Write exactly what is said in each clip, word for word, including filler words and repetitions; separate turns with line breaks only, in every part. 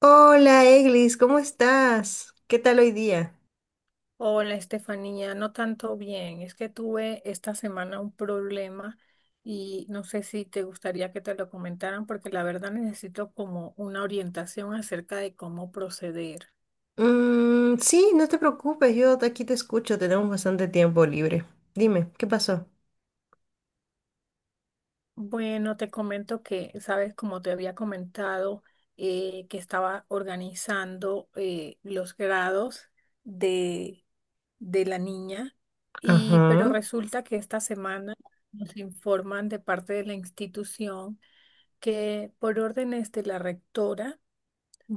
Hola, Eglis, ¿cómo estás? ¿Qué tal hoy día?
Hola, Estefanía, no tanto bien. Es que tuve esta semana un problema y no sé si te gustaría que te lo comentaran porque la verdad necesito como una orientación acerca de cómo proceder.
Mm, sí, no te preocupes, yo de aquí te escucho, tenemos bastante tiempo libre. Dime, ¿qué pasó?
Bueno, te comento que, sabes, como te había comentado, eh, que estaba organizando eh, los grados de, de la niña y pero
Ajá,
resulta que esta semana nos informan de parte de la institución que por órdenes de la rectora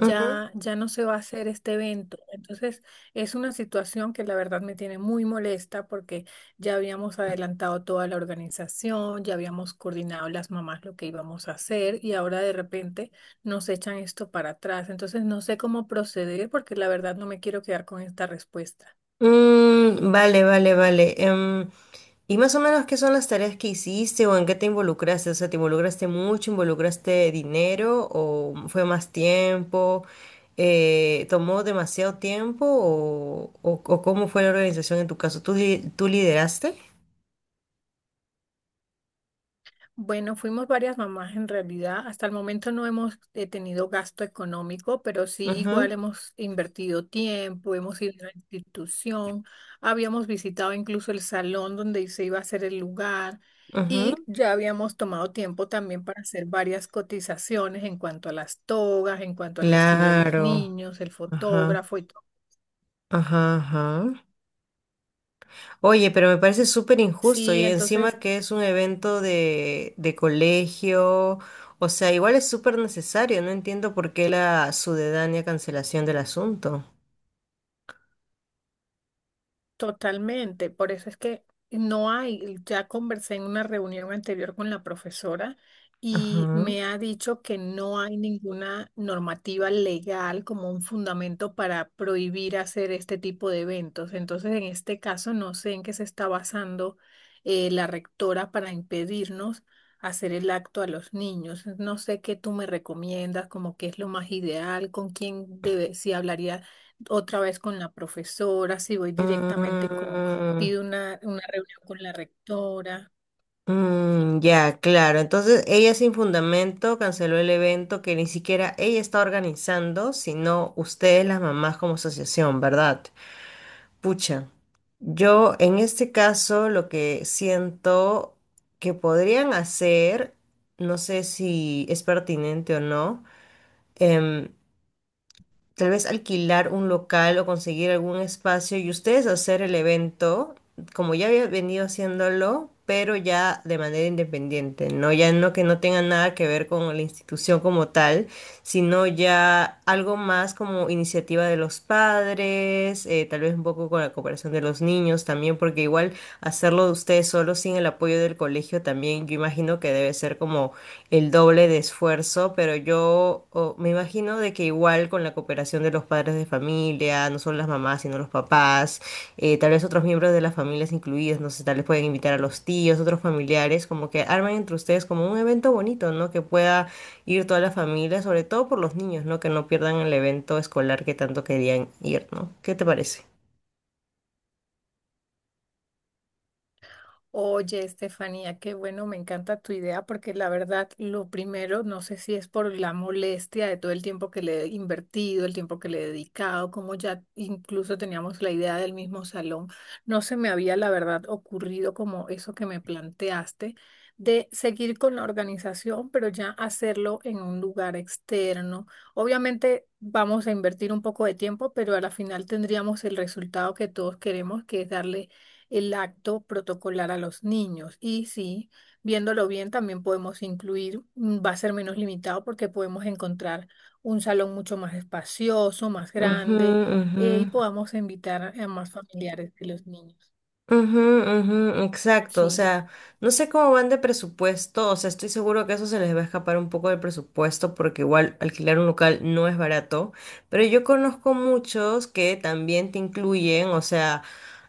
ujú.
ya no se va a hacer este evento. Entonces, es una situación que la verdad me tiene muy molesta porque ya habíamos adelantado toda la organización, ya habíamos coordinado las mamás lo que íbamos a hacer y ahora de repente nos echan esto para atrás. Entonces, no sé cómo proceder porque la verdad no me quiero quedar con esta respuesta.
Mm, vale, vale, vale. Em, ¿y más o menos qué son las tareas que hiciste o en qué te involucraste? O sea, ¿te involucraste mucho, involucraste dinero o fue más tiempo? Eh, ¿tomó demasiado tiempo o, o- o cómo fue la organización en tu caso? ¿Tú, li- tú lideraste?
Bueno, fuimos varias mamás en realidad. Hasta el momento no hemos eh, tenido gasto económico, pero sí
Ajá,
igual hemos invertido tiempo, hemos ido a la institución, habíamos visitado incluso el salón donde se iba a hacer el lugar
ajá.
y ya habíamos tomado tiempo también para hacer varias cotizaciones en cuanto a las togas, en cuanto al vestido de los
Claro,
niños, el
ajá,
fotógrafo y todo.
ajá, ajá. Oye, pero me parece súper injusto
Sí,
y encima
entonces
que es un evento de, de colegio, o sea, igual es súper necesario, no entiendo por qué la sucedánea cancelación del asunto.
totalmente, por eso es que no hay, ya conversé en una reunión anterior con la profesora y
Ajá.
me ha dicho que no hay ninguna normativa legal como un fundamento para prohibir hacer este tipo de eventos. Entonces, en este caso, no sé en qué se está basando eh, la rectora para impedirnos hacer el acto a los niños. No sé qué tú me recomiendas, como qué es lo más ideal, con quién debe, si hablaría otra vez con la profesora, si voy directamente con,
Mm,
pido una, una reunión con la rectora.
mm, ya, claro, entonces ella sin fundamento canceló el evento que ni siquiera ella está organizando, sino ustedes las mamás como asociación, ¿verdad? Pucha, yo en este caso lo que siento que podrían hacer, no sé si es pertinente o no, em, tal vez alquilar un local o conseguir algún espacio y ustedes hacer el evento, como ya había venido haciéndolo, pero ya de manera independiente, ¿no? Ya no, que no tenga nada que ver con la institución como tal, sino ya algo más como iniciativa de los padres, eh, tal vez un poco con la cooperación de los niños también, porque igual hacerlo de ustedes solos sin el apoyo del colegio también, yo imagino que debe ser como el doble de esfuerzo, pero yo o- me imagino de que igual con la cooperación de los padres de familia, no solo las mamás, sino los papás, eh, tal vez otros miembros de las familias incluidos, no sé, tal vez pueden invitar a los tíos, otros familiares, como que armen entre ustedes como un evento bonito, ¿no? Que pueda ir toda la familia, sobre todo por los niños, ¿no? Que no pierdan el evento escolar que tanto querían ir, ¿no? ¿Qué te parece?
Oye, Estefanía, qué bueno, me encanta tu idea porque la verdad, lo primero, no sé si es por la molestia de todo el tiempo que le he invertido, el tiempo que le he dedicado, como ya incluso teníamos la idea del mismo salón, no se me había la verdad ocurrido como eso que me planteaste de seguir con la organización, pero ya hacerlo en un lugar externo. Obviamente vamos a invertir un poco de tiempo, pero a la final tendríamos el resultado que todos queremos, que es darle el acto protocolar a los niños. Y sí, viéndolo bien, también podemos incluir, mm, va a ser menos limitado porque podemos encontrar un salón mucho más espacioso, más
Ujú,
grande,
ujú.
eh, y podamos invitar a más familiares de los niños.
Ujú, ujú, exacto, o
Sí.
sea, no sé cómo van de presupuesto, o sea, estoy seguro que eso se les va a escapar un poco del presupuesto porque igual alquilar un local no es barato, pero yo conozco muchos que también te incluyen, o sea,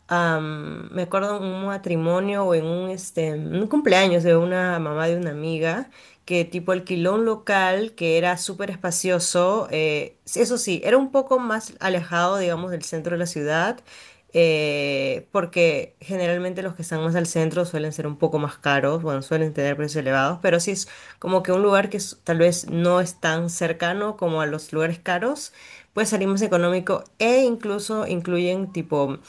am, me acuerdo en un matrimonio o en un, este, un cumpleaños de una mamá de una amiga que tipo alquiló un local que era súper espacioso, eh, eso sí, era un poco más alejado, digamos, del centro de la ciudad, eh, porque generalmente los que están más al centro suelen ser un poco más caros, bueno, suelen tener precios elevados, pero sí es como que un lugar que es- tal vez no es tan cercano como a los lugares caros, puede salir más económico e incluso incluyen tipo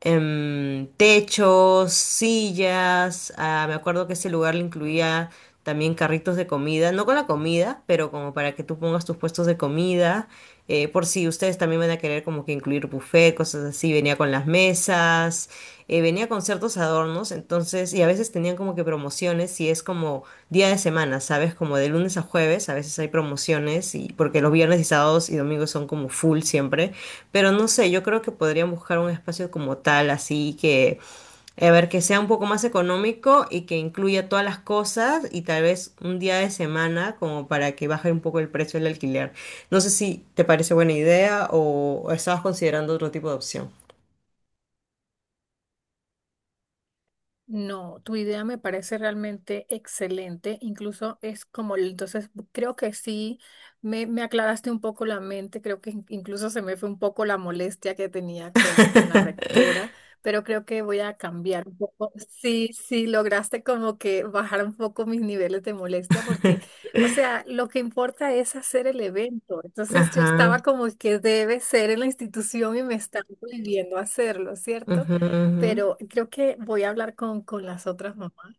em, techos, sillas. Ah, me acuerdo que ese lugar le incluía también carritos de comida, no con la comida, pero como para que tú pongas tus puestos de comida. Eh, por si ustedes también van a querer como que incluir buffet, cosas así, venía con las mesas, eh, venía con ciertos adornos, entonces, y a veces tenían como que promociones, y es como día de semana, ¿sabes? Como de lunes a jueves, a veces hay promociones, y porque los viernes y sábados y domingos son como full siempre. Pero no sé, yo creo que podrían buscar un espacio como tal, así que, a ver, que sea un poco más económico y que incluya todas las cosas y tal vez un día de semana como para que baje un poco el precio del alquiler. No sé si te parece buena idea o, o estabas considerando otro tipo de opción.
No, tu idea me parece realmente excelente, incluso es como, el- entonces creo que sí, me, me aclaraste un poco la mente, creo que in- incluso se me fue un poco la molestia que tenía con, con la rectora, pero creo que voy a cambiar un poco. Sí, sí, lograste como que bajar un poco mis niveles de molestia porque, o sea, lo que importa es hacer el evento, entonces yo estaba
Ajá.
como que debe ser en la institución y me están prohibiendo hacerlo, ¿cierto?
Ujú, ujú.
Pero creo que voy a hablar con, con las otras mamás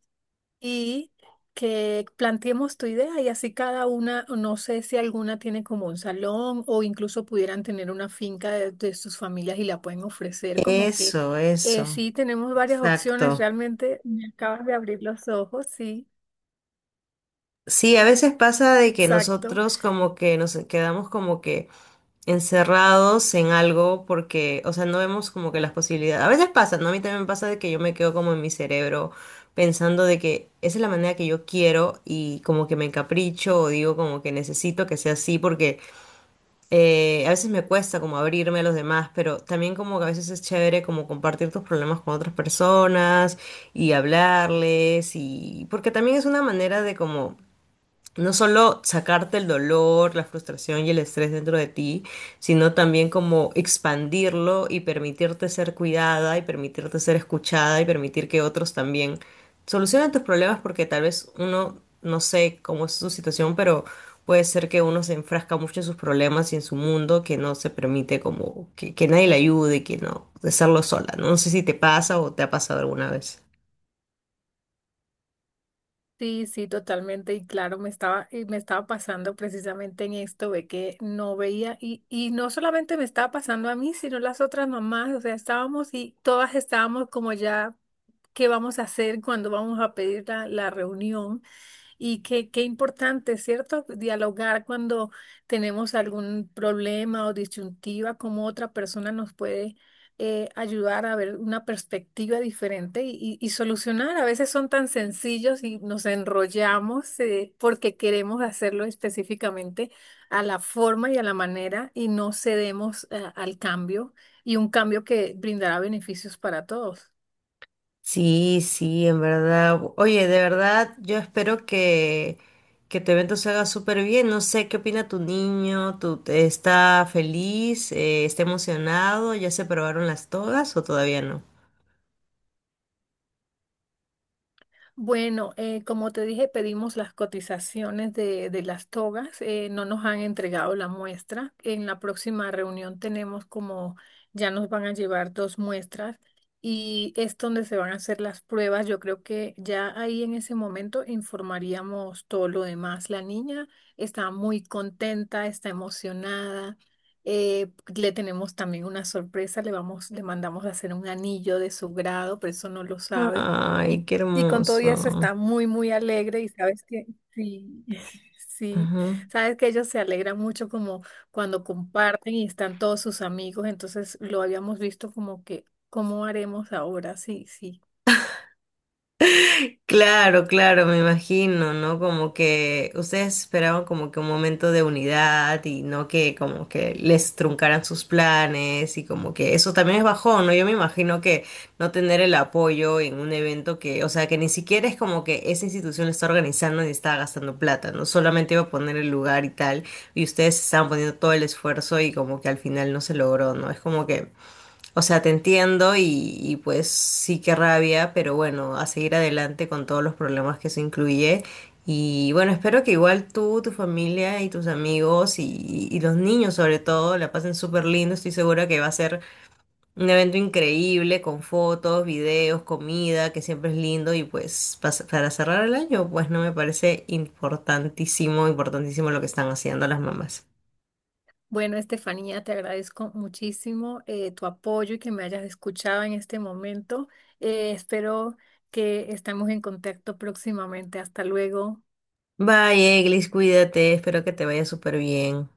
y que planteemos tu idea y así cada una, no sé si alguna tiene como un salón o incluso pudieran tener una finca de, de sus familias y la pueden ofrecer, como que
Eso,
eh,
eso.
sí, tenemos varias opciones,
Exacto.
realmente me acabas de abrir los ojos, sí,
Sí, a veces pasa de que
exacto.
nosotros como que nos quedamos como que... encerrados en algo porque, o sea, no vemos como que las posibilidades. A veces pasa, ¿no? A mí también me pasa de que yo me quedo como en mi cerebro pensando de que esa es la manera que yo quiero y como que me encapricho o digo como que necesito que sea así porque eh, a veces me cuesta como abrirme a los demás, pero también como que a veces es chévere como compartir tus problemas con otras personas y hablarles y porque también es una manera de como no solo sacarte el dolor, la frustración y el estrés dentro de ti, sino también como expandirlo y permitirte ser cuidada y permitirte ser escuchada y permitir que otros también solucionen tus problemas porque tal vez uno, no sé cómo es su situación, pero puede ser que uno se enfrasca mucho en sus problemas y en su mundo que no se permite como que, que nadie le ayude, que no, de hacerlo sola, ¿no? No sé si te pasa o te ha pasado alguna vez.
Sí, sí, totalmente. Y claro, me estaba, eh, me estaba pasando precisamente en esto de que no veía, y, y no solamente me estaba pasando a mí, sino las otras mamás. O sea, estábamos y todas estábamos como ya, ¿qué vamos a hacer cuando vamos a pedir la, la reunión? Y qué, qué importante, ¿cierto? Dialogar cuando tenemos algún problema o disyuntiva, cómo otra persona nos puede eh, ayudar a ver una perspectiva diferente y, y- y solucionar. A veces son tan sencillos y nos enrollamos eh, porque queremos hacerlo específicamente a la forma y a la manera y no cedemos eh, al cambio y un cambio que brindará beneficios para todos.
Sí, sí, en verdad. Oye, de verdad, yo espero que, que tu evento se haga súper bien. No sé, ¿qué opina tu niño? ¿Tú te- está feliz? Eh, ¿está emocionado? ¿Ya se probaron las togas o todavía no?
Bueno, eh, como te dije, pedimos las cotizaciones de, de las togas. Eh, no nos han entregado la muestra. En la próxima reunión tenemos como ya nos van a llevar dos muestras y es donde se van a hacer las pruebas. Yo creo que ya ahí en ese momento informaríamos todo lo demás. La niña está muy contenta, está emocionada. Eh, le tenemos también una sorpresa. Le vamos, le mandamos a hacer un anillo de su grado, pero eso no lo sabe.
Ay,
Y
qué
y con todo y eso
hermoso.
está muy, muy alegre y sabes que sí, sí, sabes que ellos se alegran mucho como cuando comparten y están todos sus amigos, entonces lo habíamos visto como que, ¿cómo haremos ahora? Sí, sí.
Claro, claro, me imagino, ¿no? Como que ustedes esperaban como que un momento de unidad y no que como que les truncaran sus planes y como que eso también es bajón, ¿no? Yo me imagino que no tener el apoyo en un evento que, o sea, que ni siquiera es como que esa institución lo está organizando ni está gastando plata, ¿no? Solamente iba a poner el lugar y tal, y ustedes estaban poniendo todo el esfuerzo y como que al final no se logró, ¿no? Es como que o sea, te entiendo y, y pues sí que rabia, pero bueno, a seguir adelante con todos los problemas que eso incluye. Y bueno, espero que igual tú, tu familia y tus amigos y, y los niños sobre todo la pasen súper lindo. Estoy segura que va a ser un evento increíble con fotos, videos, comida, que siempre es lindo. Y pues pas- para cerrar el año, pues no me parece importantísimo, importantísimo lo que están haciendo las mamás.
Bueno, Estefanía, te agradezco muchísimo eh, tu apoyo y que me hayas escuchado en este momento. Eh, espero que estemos en contacto próximamente. Hasta luego.
Bye, Eglis, cuídate, espero que te vaya súper bien.